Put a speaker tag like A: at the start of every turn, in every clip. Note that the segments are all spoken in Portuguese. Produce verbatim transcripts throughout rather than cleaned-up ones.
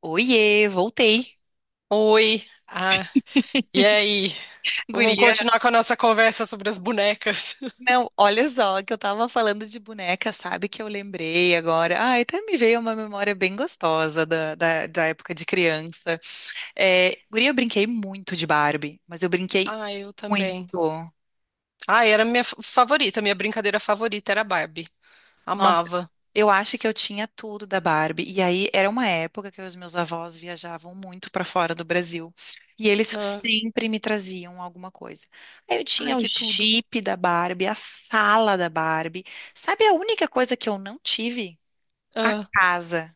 A: Oiê, voltei.
B: Oi, ah, e aí? Vamos
A: Guria,
B: continuar com a nossa conversa sobre as bonecas.
A: não, olha só que eu tava falando de boneca, sabe que eu lembrei agora. Ai, até me veio uma memória bem gostosa da, da, da época de criança. É, guria, eu brinquei muito de Barbie, mas eu brinquei
B: Ah, eu também.
A: muito.
B: Ah, era minha fa- favorita, minha brincadeira favorita era Barbie.
A: Nossa,
B: Amava.
A: eu acho que eu tinha tudo da Barbie. E aí era uma época que os meus avós viajavam muito para fora do Brasil. E eles
B: Ah,
A: sempre me traziam alguma coisa. Aí eu tinha
B: ai,
A: o
B: que tudo.
A: Jeep da Barbie, a sala da Barbie. Sabe a única coisa que eu não tive? A
B: Ah,
A: casa.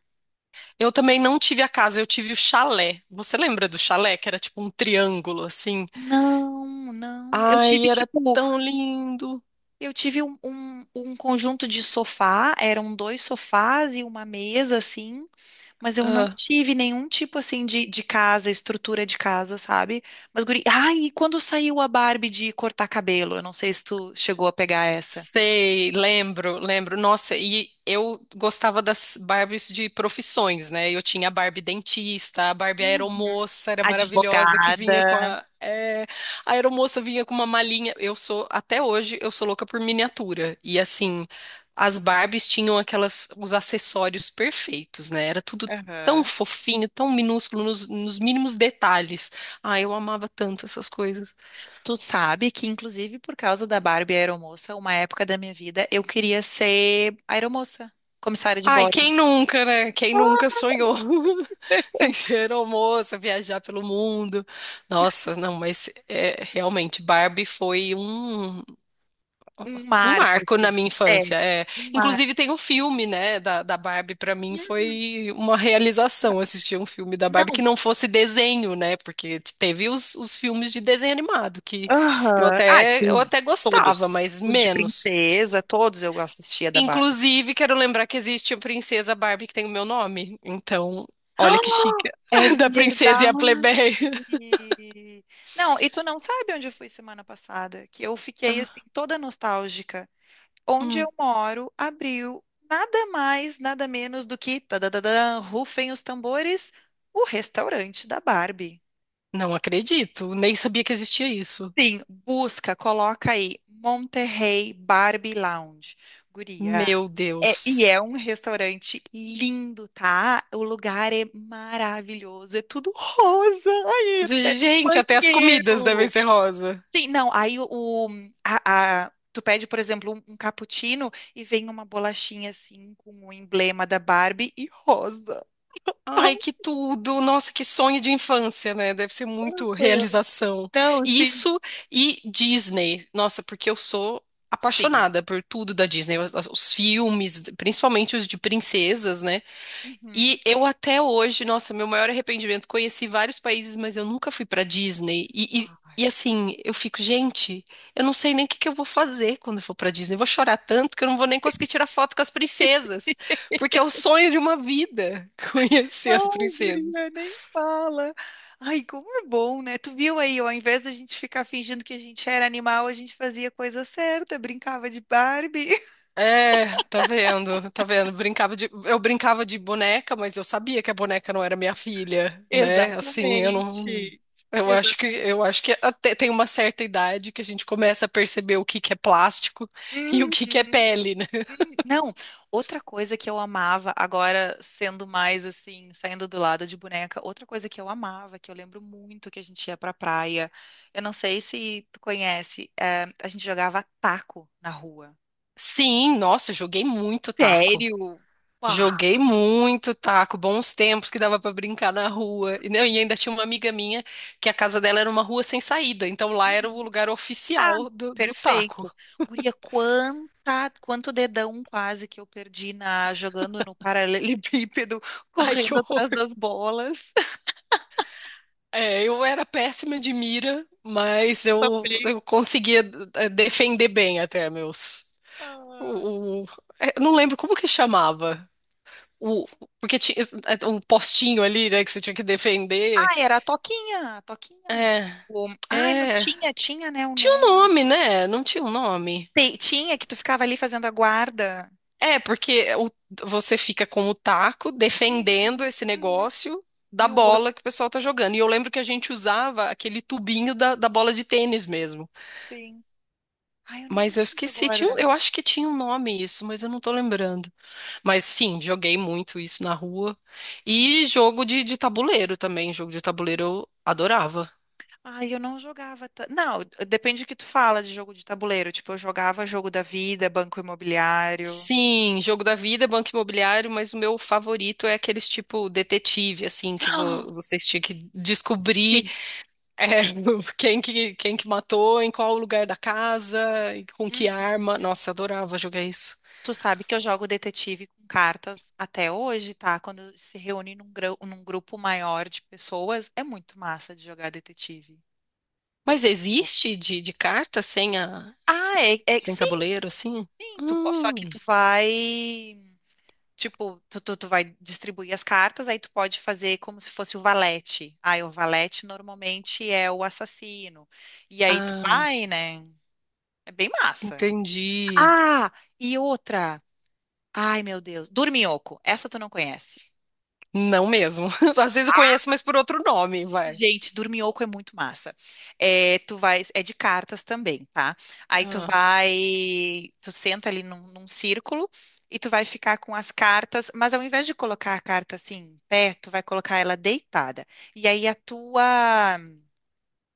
B: eu também não tive a casa, eu tive o chalé. Você lembra do chalé, que era tipo um triângulo assim?
A: Não, não. Eu tive
B: Ai, era
A: tipo,
B: tão lindo.
A: eu tive um, um um conjunto de sofá, eram dois sofás e uma mesa assim. Mas eu não tive nenhum tipo assim de, de casa, estrutura de casa, sabe? Mas, guri. Ai, e quando saiu a Barbie de cortar cabelo? Eu não sei se tu chegou a pegar essa.
B: Sei, lembro, lembro. Nossa, e eu gostava das Barbies de profissões, né? Eu tinha a Barbie dentista, a Barbie
A: Uhum.
B: aeromoça, era maravilhosa, que vinha com
A: Advogada.
B: a... é, a aeromoça vinha com uma malinha. Eu sou, até hoje, eu sou louca por miniatura. E assim, as Barbies tinham aquelas, os acessórios perfeitos, né? Era tudo tão
A: Aham.
B: fofinho, tão minúsculo, nos, nos mínimos detalhes. Ah, eu amava tanto essas coisas.
A: Tu sabe que, inclusive, por causa da Barbie aeromoça, uma época da minha vida, eu queria ser aeromoça, comissária de
B: Ai,
A: bordo.
B: quem nunca, né? Quem nunca sonhou em ser almoça, viajar pelo mundo? Nossa, não, mas é, realmente Barbie foi um,
A: Um
B: um
A: marco,
B: marco na
A: assim.
B: minha
A: É,
B: infância. É,
A: um marco.
B: inclusive tem um filme, né, da, da Barbie, pra mim foi uma realização assistir um filme da Barbie
A: Não.
B: que não fosse desenho, né? Porque teve os, os filmes de desenho animado que eu
A: Aham. Ah,
B: até eu
A: sim.
B: até gostava,
A: Todos.
B: mas
A: Os de
B: menos.
A: princesa, todos eu assistia da Barbie.
B: Inclusive, quero lembrar que existe a princesa Barbie que tem o meu nome. Então, olha que
A: Ah,
B: chique.
A: é
B: Da
A: verdade.
B: princesa e a plebeia.
A: Não, e tu não sabe onde eu fui semana passada, que eu fiquei assim
B: Ah,
A: toda nostálgica. Onde eu
B: hum.
A: moro abriu nada mais, nada menos do que tadadadã, rufem os tambores, o restaurante da Barbie.
B: Não acredito. Nem sabia que existia isso.
A: Sim, busca, coloca aí Monterrey Barbie Lounge. Guria,
B: Meu
A: é, e
B: Deus.
A: é um restaurante lindo, tá? O lugar é maravilhoso, é tudo rosa, aí até no
B: Gente, até as comidas devem
A: banheiro.
B: ser rosa.
A: Sim, não, aí o, o- a, a- tu pede, por exemplo, um, um cappuccino e vem uma bolachinha assim com o emblema da Barbie e rosa.
B: Ai, que tudo. Nossa, que sonho de infância, né? Deve ser muito realização.
A: Não, sim,
B: Isso e Disney. Nossa, porque eu sou
A: sim.
B: apaixonada por tudo da Disney, os os filmes, principalmente os de princesas, né?
A: Uhum.
B: E eu até hoje, nossa, meu maior arrependimento, conheci vários países, mas eu nunca fui pra Disney. E,
A: Ai.
B: e, e, assim, eu fico, gente, eu não sei nem o que que eu vou fazer quando eu for pra Disney. Eu vou chorar tanto que eu não vou nem conseguir tirar foto com as princesas, porque é o sonho de uma vida conhecer as
A: Ai,
B: princesas.
A: guria, nem fala. Ai, como é bom, né? Tu viu aí, ó, ao invés da gente ficar fingindo que a gente era animal, a gente fazia coisa certa, brincava de Barbie.
B: É, tá vendo, tá vendo. Brincava de, eu brincava de boneca, mas eu sabia que a boneca não era minha filha, né? Assim, eu não,
A: Exatamente.
B: eu acho que,
A: Exatamente.
B: eu acho que até tem uma certa idade que a gente começa a perceber o que que é plástico e o que
A: Uhum,
B: que é pele, né?
A: uhum. Não, outra coisa que eu amava, agora sendo mais assim, saindo do lado de boneca, outra coisa que eu amava, que eu lembro muito que a gente ia pra praia, eu não sei se tu conhece, eh, a gente jogava taco na rua.
B: Sim, nossa, eu joguei muito taco.
A: Sério? Uau!
B: Joguei muito taco, bons tempos que dava pra brincar na rua. E, não, e ainda tinha uma amiga minha que a casa dela era uma rua sem saída, então lá era o
A: Uhum.
B: lugar
A: Ah,
B: oficial do, do taco.
A: perfeito. Guria, quanta, quanto dedão quase que eu perdi na jogando no paralelepípedo,
B: Ai, que
A: correndo atrás
B: horror.
A: das bolas.
B: É, eu era péssima de mira, mas
A: Eu
B: eu,
A: também.
B: eu conseguia eh, defender bem até meus.
A: Ah.
B: O, o- eh, eu não lembro como que chamava. O, Porque tinha eh, um postinho ali, né, que você tinha que defender.
A: Ah, era a Toquinha, a Toquinha.
B: É,
A: O- Ai, mas
B: é.
A: tinha, tinha, né, o
B: Tinha um
A: nome.
B: nome, né? Não tinha um nome.
A: Te- Tinha que tu ficava ali fazendo a guarda.
B: É, porque o- você fica com o taco defendendo esse
A: Uhum.
B: negócio da
A: E o outro,
B: bola que o pessoal tá jogando. E eu lembro que a gente usava aquele tubinho da, da bola de tênis mesmo.
A: sim. Ai, eu não
B: Mas eu
A: lembro
B: esqueci, tinha, um-
A: agora.
B: eu acho que tinha um nome isso, mas eu não tô lembrando. Mas sim, joguei muito isso na rua. E jogo de, de tabuleiro também. Jogo de tabuleiro eu adorava.
A: Ai, eu não jogava. ta- Não, depende do que tu fala de jogo de tabuleiro. Tipo, eu jogava jogo da vida, banco imobiliário.
B: Sim, jogo da vida, banco imobiliário, mas o meu favorito é aqueles tipo detetive, assim, que
A: Ah.
B: vo- vocês tinham que descobrir.
A: Sim.
B: É, quem que, quem que matou, em qual lugar da casa, e com que
A: Uhum.
B: arma. Nossa, adorava jogar isso.
A: Tu sabe que eu jogo detetive com cartas até hoje, tá? Quando se reúne num, grão- num grupo maior de pessoas, é muito massa de jogar detetive. Eu
B: Mas
A: curto.
B: existe de, de carta sem a, se-
A: Ah, é, é-
B: sem
A: sim.
B: tabuleiro, assim?
A: Sim, tu po- só que
B: Hum,
A: tu vai. Tipo, tu, tu, tu vai distribuir as cartas, aí tu pode fazer como se fosse o valete. Aí o valete normalmente é o assassino. E aí tu
B: ah,
A: vai, né? É bem massa.
B: entendi.
A: Ah, e outra. Ai, meu Deus. Dorminhoco. Essa tu não conhece.
B: Não mesmo. Às vezes eu conheço, mas por outro nome, vai.
A: Gente, Dorminhoco é muito massa. É, tu vai, é de cartas também, tá? Aí tu
B: Ah,
A: vai, tu senta ali num, num círculo e tu vai ficar com as cartas, mas ao invés de colocar a carta assim em pé, tu vai colocar ela deitada. E aí a tua,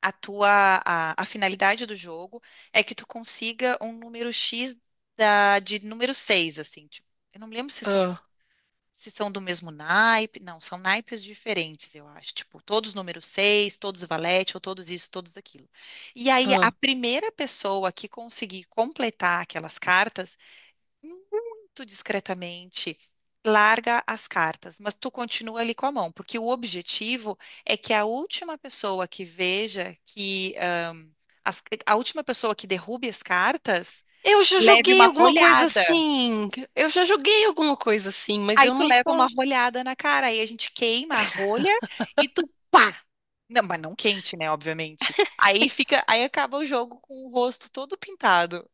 A: a tua, a, a finalidade do jogo é que tu consiga um número X da, de número seis assim, tipo, eu não me lembro se são
B: ah,
A: se são do mesmo naipe, não, são naipes diferentes, eu acho. Tipo, todos número seis todos valete, ou todos isso, todos aquilo. E aí, a
B: ah.
A: primeira pessoa que conseguir completar aquelas cartas, muito discretamente, larga as cartas, mas tu continua ali com a mão, porque o objetivo é que a última pessoa que veja que. ãh, as- a última pessoa que derrube as cartas
B: Eu já
A: leve
B: joguei
A: uma
B: alguma coisa
A: olhada.
B: assim. Eu já joguei alguma coisa assim, mas
A: Aí
B: eu
A: tu
B: não
A: leva uma
B: tô.
A: rolhada na cara, aí a gente queima a rolha e tu pá! Não, mas não quente, né? Obviamente. Aí fica, aí acaba o jogo com o rosto todo pintado.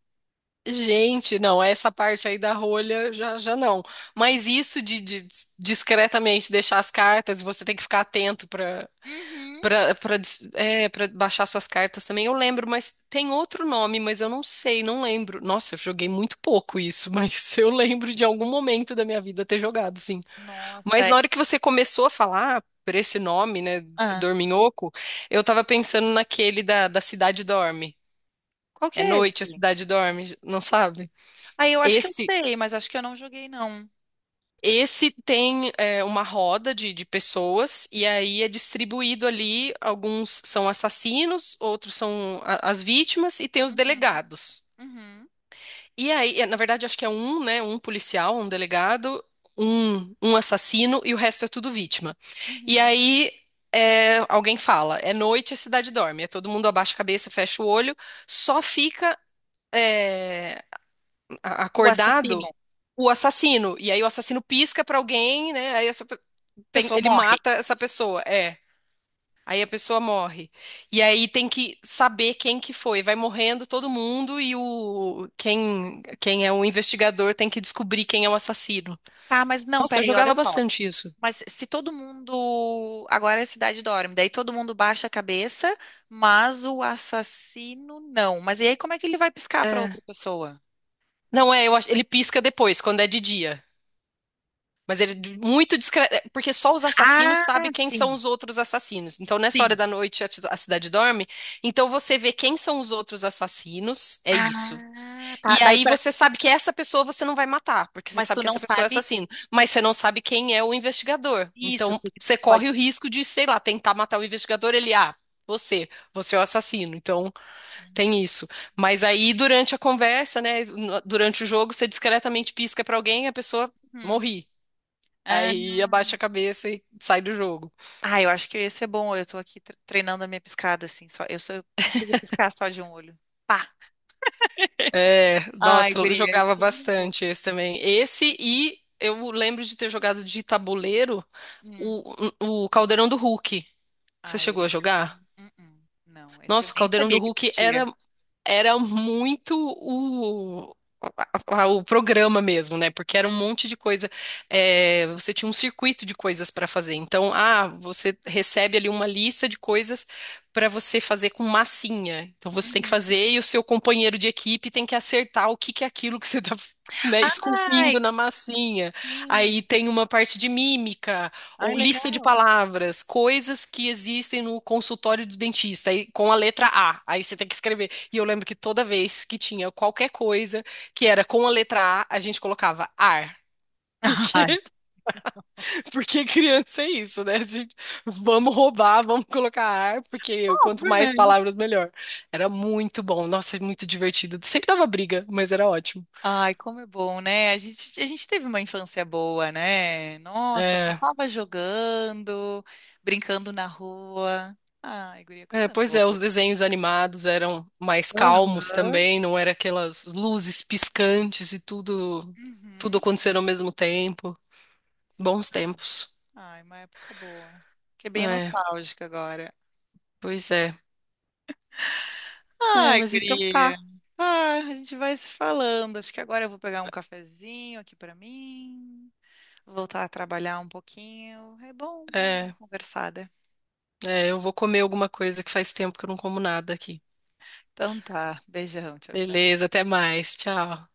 B: Gente, não, essa parte aí da rolha já, já não. Mas isso de, de discretamente deixar as cartas, você tem que ficar atento para
A: Uhum.
B: para para é, para baixar suas cartas também. Eu lembro, mas tem outro nome, mas eu não sei, não lembro. Nossa, eu joguei muito pouco isso, mas eu lembro de algum momento da minha vida ter jogado, sim. Mas
A: Nossa.
B: na hora que você começou a falar por esse nome, né,
A: Ah,
B: Dorminhoco, eu tava pensando naquele da, da Cidade Dorme.
A: qual que
B: É
A: é
B: noite, a
A: esse?
B: cidade dorme, não sabe?
A: Aí eu acho que eu
B: Esse
A: sei, mas acho que eu não joguei, não.
B: Esse tem é, uma roda de, de pessoas, e aí é distribuído ali. Alguns são assassinos, outros são a- as vítimas, e tem os
A: Uhum,
B: delegados.
A: uhum,
B: E aí, é, na verdade, acho que é um, né? Um policial, um delegado, um, um assassino, e o resto é tudo vítima. E
A: uhum.
B: aí, é, alguém fala, é noite, a cidade dorme. É todo mundo abaixa a cabeça, fecha o olho, só fica é, a-
A: O assassino.
B: acordado
A: A
B: o assassino. E aí o assassino pisca pra alguém, né? Aí tem-
A: pessoa
B: ele
A: morre.
B: mata essa pessoa, é. Aí a pessoa morre. E aí tem que saber quem que foi. Vai morrendo todo mundo e o quem quem é o investigador tem que descobrir quem é o assassino.
A: Tá, mas não,
B: Nossa, eu
A: peraí, olha
B: jogava
A: só.
B: bastante isso.
A: Mas se todo mundo. Agora a cidade dorme, daí todo mundo baixa a cabeça, mas o assassino não. Mas e aí como é que ele vai piscar para
B: É.
A: outra pessoa?
B: Não é, eu acho, ele pisca depois, quando é de dia. Mas ele é muito discreto, porque só os assassinos
A: Ah,
B: sabem quem são
A: sim,
B: os outros assassinos. Então, nessa hora
A: sim.
B: da noite, a, ti- a cidade dorme. Então, você vê quem são os outros assassinos, é isso.
A: Ah,
B: E
A: tá. Daí
B: aí
A: pra...
B: você sabe que essa pessoa você não vai matar, porque você
A: Mas
B: sabe
A: tu
B: que
A: não
B: essa pessoa é
A: sabe
B: assassino, mas você não sabe quem é o investigador.
A: isso,
B: Então
A: porque
B: você
A: pode.
B: corre o risco de, sei lá, tentar matar o investigador, ele, ah, você, você é o assassino. Então tem isso. Mas aí durante a conversa, né, no- durante o jogo, você discretamente pisca pra alguém e a pessoa
A: Uhum.
B: morre.
A: Ah,
B: Aí abaixa a cabeça e sai do jogo.
A: ah, eu acho que esse é bom. Eu tô aqui tre- treinando a minha piscada, assim. Só, eu só eu consigo piscar só de um olho. Pá!
B: É,
A: Ai,
B: nossa, eu
A: guria. É
B: jogava
A: tão
B: bastante esse também. Esse e eu lembro de ter jogado de tabuleiro
A: bom.
B: o, o Caldeirão do Hulk. Você
A: Ai,
B: chegou a
A: esse eu não.
B: jogar?
A: Uh-uh. Não, esse eu
B: Nossa, o
A: nem
B: Caldeirão do
A: sabia que
B: Hulk
A: existia.
B: era era muito o, a- a- o programa mesmo, né? Porque era um monte de coisa. É, você tinha um circuito de coisas para fazer. Então, ah, você recebe ali uma lista de coisas para você fazer com massinha. Então, você tem que
A: Uhum.
B: fazer e o seu companheiro de equipe tem que acertar o que que é aquilo que você está né,
A: Ai,
B: esculpindo na massinha. Aí
A: sim.
B: tem uma parte de mímica,
A: Ai,
B: ou
A: legal.
B: lista de palavras, coisas que existem no consultório do dentista, aí com a letra A. Aí você tem que escrever. E eu lembro que toda vez que tinha qualquer coisa que era com a letra A, a gente colocava ar. Porque,
A: Ai,
B: porque criança é isso, né? A gente, vamos roubar, vamos colocar ar, porque quanto
A: óbvio, né?
B: mais palavras, melhor. Era muito bom, nossa, é muito divertido. Sempre dava briga, mas era ótimo.
A: Ai, como é bom, né? A gente, a gente teve uma infância boa, né? Nossa,
B: É,
A: passava jogando, brincando na rua. Ai, guria,
B: é,
A: coisa
B: pois
A: boa.
B: é, os desenhos animados eram mais calmos
A: Aham.
B: também, não era aquelas luzes piscantes e tudo, tudo
A: Uhum.
B: acontecendo ao mesmo tempo. Bons tempos.
A: Ai, uma época boa. Que é bem
B: É,
A: nostálgica agora.
B: pois é. É,
A: Ai,
B: mas então
A: queria.
B: tá.
A: Ah, a gente vai se falando. Acho que agora eu vou pegar um cafezinho aqui pra mim, voltar a trabalhar um pouquinho. É bom, bom dar uma
B: É,
A: conversada.
B: é, eu vou comer alguma coisa que faz tempo que eu não como nada aqui.
A: Então tá, beijão, tchau, tchau.
B: Beleza, até mais. Tchau.